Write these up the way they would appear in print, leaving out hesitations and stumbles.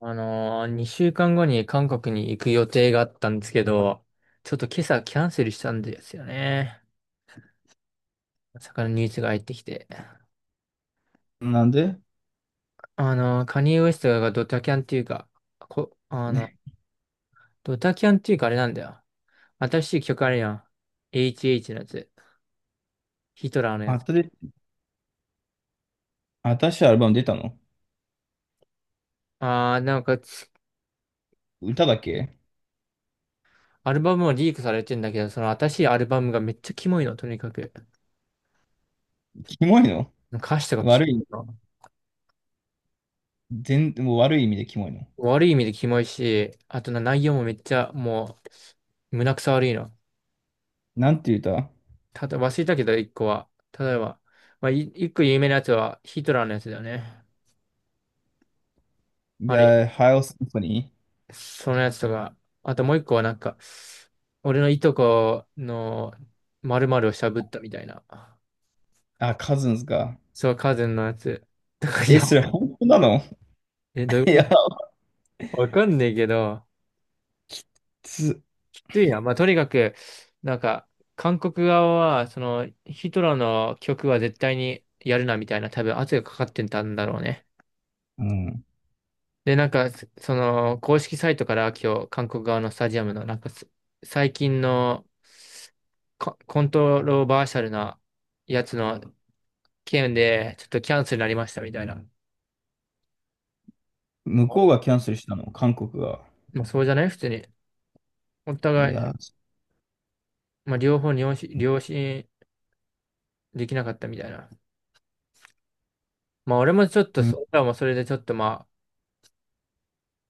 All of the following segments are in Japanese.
2週間後に韓国に行く予定があったんですけど、ちょっと今朝キャンセルしたんですよね。まさかのニュースが入ってきて。なんでカニエ・ウエストがドタキャンっていうか、こ、あの、ね、ドタキャンっていうかあれなんだよ。新しい曲あるやん。HH のやつ。ヒトラーのや新つ。し新しいアルバム出たの？あー、なんかつ、歌だけアルバムもリークされてんだけど、その新しいアルバムがめっちゃキモいの、とにかく。キモいの？歌詞とか悪い、全、もう悪い意味でキモいの。悪い意味でキモいし、あとな内容もめっちゃもう、胸くそ悪いの。なんていう歌 ただ、忘れたけど、一個は。例えば、まあ、一個有名なやつはヒトラーのやつだよね。あれ、?The High Symphony? そのやつとか、あともう一個はなんか、俺のいとこの〇〇をしゃぶったみたいな。あ、Cousins か。そう、カズンのやつ。とか、いえ、や、それ 本当なの？ え、どうい ういや、ことわかんねえけど、つ、きついな。まあ、とにかく、なんか、韓国側は、その、ヒトラーの曲は絶対にやるなみたいな、多分圧がかかってたんだろうね。うん。で、なんか、その、公式サイトから今日、韓国側のスタジアムの、なんかす、最近のコントロバーシャルなやつの件で、ちょっとキャンセルになりましたみたいな。向こうがキャンセルしたの、韓国が。まあ、そうじゃない普通に。お互いい、や、まあ、両方に良心できなかったみたいな。まあ、俺もちょっとうん、俺らもそれでちょっとまあ、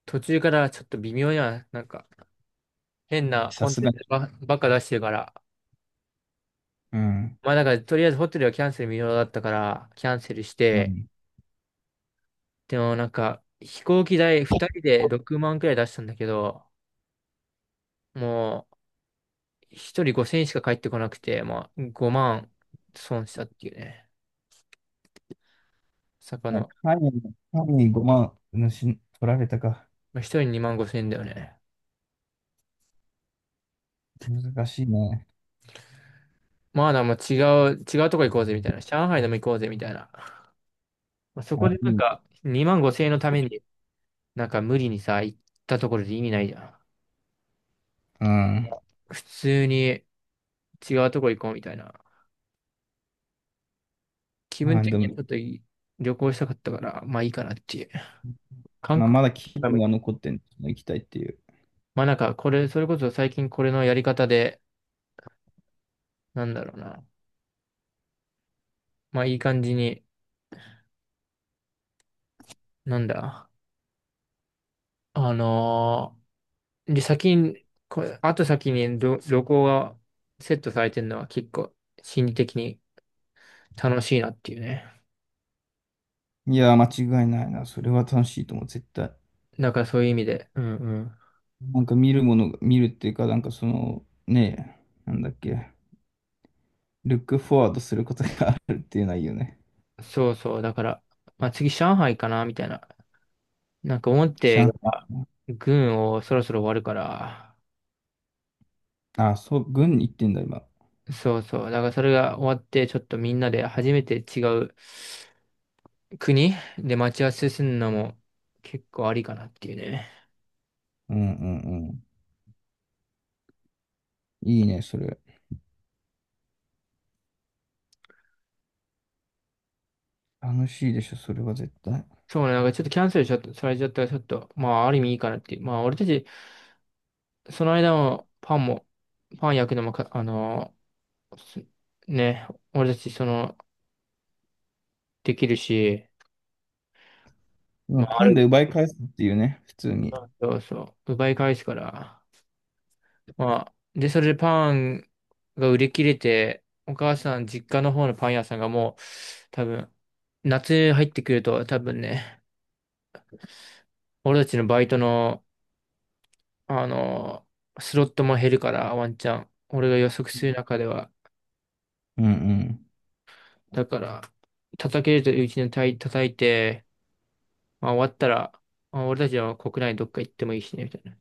途中からちょっと微妙な、なんか、変なさコンすテンがに。ツばっか出してるから。うん。まあ、だから、とりあえずホテルはキャンセル無料だったから、キャンセルしうて、ん。でもなんか、飛行機代2人で6万くらい出したんだけど、もう1人5千円しか返ってこなくて、まあ5万損したっていうね。魚。カニ、カニ5万、取られたか。まあ、1人2万5千円だよね。難しいね。まあ、もう違うとこ行こうぜみたいな。上海でも行こうぜみたいな。まあ、そこあ、でいなんい。か2万5千円のために、なんか無理にさ、行ったところで意味ないじゃん。うん。普通に違うとこ行こうみたいな。気分まあ、的にでも、はちょっといい旅行したかったから、まあいいかなっていう。韓まあ、国まだ気分が残ってんの、行きたいっていう。まあなんか、これ、それこそ最近これのやり方で、なんだろうな。まあいい感じに、なんだ。あのーで、先に、これ、あと先に旅行がセットされてるのは結構心理的に楽しいなっていうね。いやー、間違いないな。それは楽しいと思う、絶対。だからそういう意味で、うんうん。なんか見るものが、見るっていうか、なんかその、ねえ、なんだっけ、ルックフォワードすることがあるっていうのはいいよね。そうそう、だから、まあ次上海かな、みたいな。なんか思って上海が、か軍をそろそろ終わるから、な。あ、そう、軍に行ってんだ、今。そうそう。だからそれが終わって、ちょっとみんなで初めて違う国で待ち合わせするのも結構ありかなっていうね。うんうんうん。いいね、それ。楽しいでしょ、それは絶対。そうね、なんかちょっとキャンセルしちゃった、されちゃったらちょっと、まあある意味いいかなっていう。まあ俺たち、その間もパンも、パン焼くのもか、あのーすね、俺たちその、できるし、今、まああパンでる、奪い返すっていうね、普通に。そうそう、奪い返すから。まあ、で、それでパンが売り切れて、お母さん実家の方のパン屋さんがもう、多分、夏入ってくると多分ね、俺たちのバイトのあの、スロットも減るから、ワンチャン。俺が予測する中では。うんうん。だから、叩けるといううちに叩いて、まあ、終わったら、まあ、俺たちは国内どっか行ってもいいしね、みたいな。っ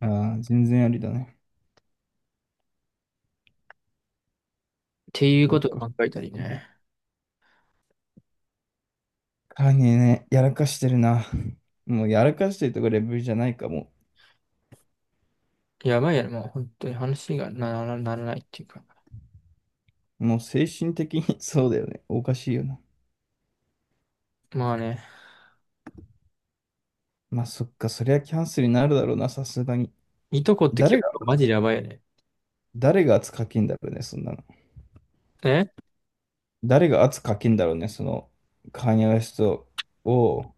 ああ、全然ありだね。ていうそこっとをか。考えたりね。カーニね、やらかしてるな。もうやらかしてるとかレベルじゃないかも。やばいやろ、もう本当に話がならないっていうか。もう精神的に そうだよね。おかしいよな。まあね、まあそっか、そりゃキャンセルになるだろうな、さすがに。いとこって誰結が、構マジでやばいよね。誰が圧かけんだろうね、そんなの。え、誰が圧かけんだろうね、その、カーニャウエストを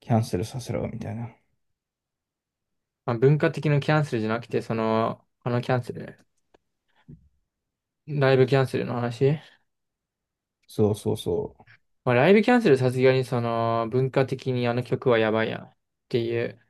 キャンセルさせろ、みたいな。まあ、文化的なキャンセルじゃなくて、その、あのキャンセル。ライブキャンセルの話。そうそうそまあ、ライブキャンセルさすがにその文化的にあの曲はやばいやんっていう。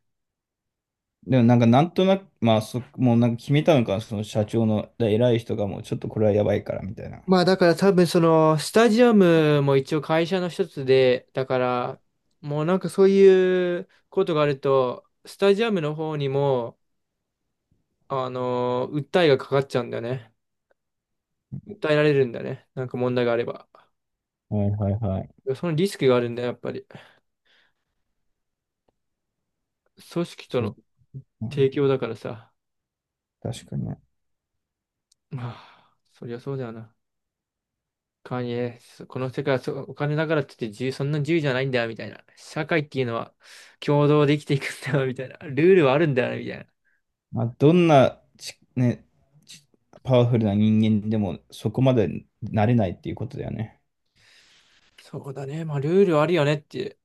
う。でもなんかなんとなく、まあそ、もうなんか決めたのかな、その社長の偉い人がもうちょっとこれはやばいから、みたいな。まあだから多分そのスタジアムも一応会社の一つで、だからもうなんかそういうことがあると、スタジアムの方にも、訴えがかかっちゃうんだよね。訴えられるんだよね。なんか問題があれば。はいはいはい。そのリスクがあるんだよ、やっぱり。組織とそう。のう提ん、供だからさ。確かに。まあ、そりゃそうだよな。カニエ、そこの世界はそうお金だからって言って自由、そんな自由じゃないんだよ、みたいな。社会っていうのは共同で生きていくんだよ、みたいな。ルールはあるんだよ、みたいな。まあ、どんなね、ちパワフルな人間でもそこまでなれないっていうことだよね。そうだね。まあ、ルールあるよねって。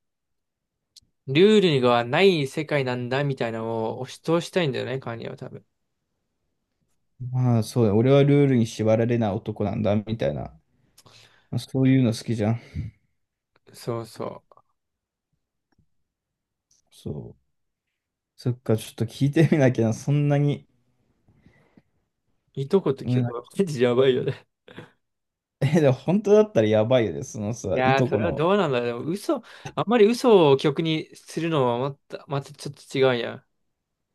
ルールがない世界なんだみたいなのを押し通したいんだよね、カニは多分。まあそうだ、俺はルールに縛られない男なんだみたいな、まあ、そういうの好きじゃん。そうそそう。そっか、ちょっと聞いてみなきゃな、そんなに。う。いとことう曲ん、は、マジやばいよね。え、でも本当だったらやばいよね、そのいさ、いやー、とそこれはの。どうなんだろう。でも嘘、あんまり嘘を曲にするのはまた、またちょっと違うやん。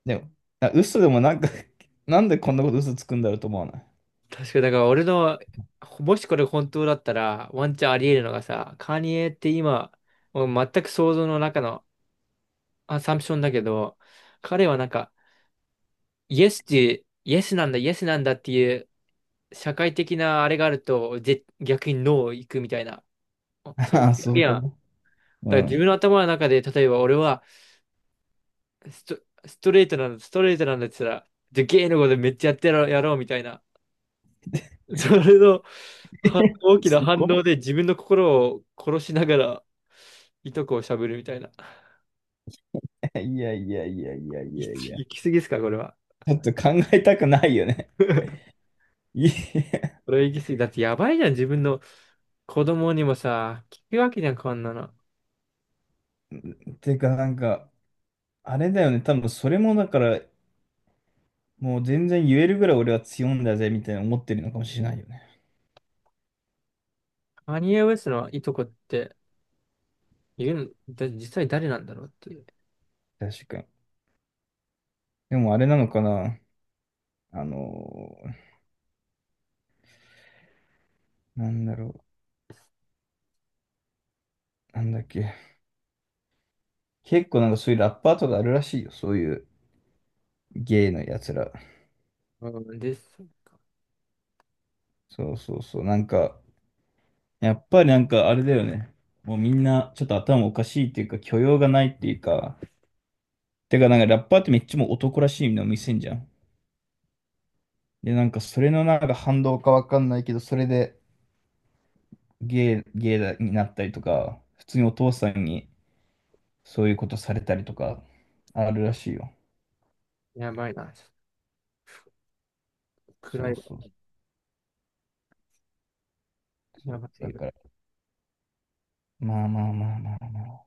でも、あ、嘘でもなんか なんでこんなこと嘘つくんだろうと思わない？確かに、だから俺の、もしこれ本当だったら、ワンチャンあり得るのがさ、カニエって今、もう全く想像の中のアサンプションだけど、彼はなんか、イエスって、イエスなんだ、イエスなんだっていう、社会的なあれがあると、逆にノー行くみたいな。そういうああ、そうい表う現は、こだかと。うら自ん。分の頭の中で、例えば俺はスト、ストレートなんだ、ストレートなんだって言ったら、じゃあゲイのことめっちゃやってやろう、やろうみたいな。それのは大 きなす反ごい。応で自分の心を殺しながら、いとこをしゃぶるみたいな。いやいやいやいやいやいや。行き過ぎですか、これは。ちょっと考えたくないよね。いえ、これは行き過ぎ。だってやばいじゃん、自分の子供にもさ、聞くわけじゃん、こんなの。てかなんか、あれだよね。多分それもだから、もう全然言えるぐらい俺は強いんだぜ、みたいな思ってるのかもしれないよね。カニエ・ウェスのいとこって、いるのだ、実際誰なんだろうっていう。確かに。でもあれなのかな。あのーなんだろう。なんだっけ。結構なんかそういうラッパーとかあるらしいよ。そういうゲイのやつら。うん、です。そうそうそう。なんか、やっぱりなんかあれだよね。もうみんなちょっと頭おかしいっていうか、許容がないっていうか。てかなんかラッパーってめっちゃもう男らしいの見せんじゃん。で、なんかそれのなんか反動かわかんないけど、それでゲイだになったりとか、普通にお父さんにそういうことされたりとか、あるらしいよ。やばいな。ちょっと暗そいうわ。そうそやう。ばすだぎる。から、まあまあまあまあまあ。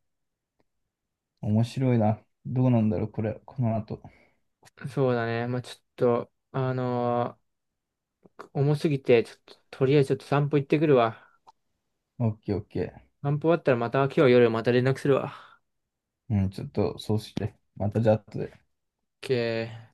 面白いな。どうなんだろう、これ、この後。そうだね。まあ、ちょっと、重すぎて、ちょっと、とりあえずちょっと散歩行ってくるわ。オッケーオッケ散歩終わったらまた今日夜また連絡するわ。ー。うん、ちょっとそうして。またじゃあ後で。OK。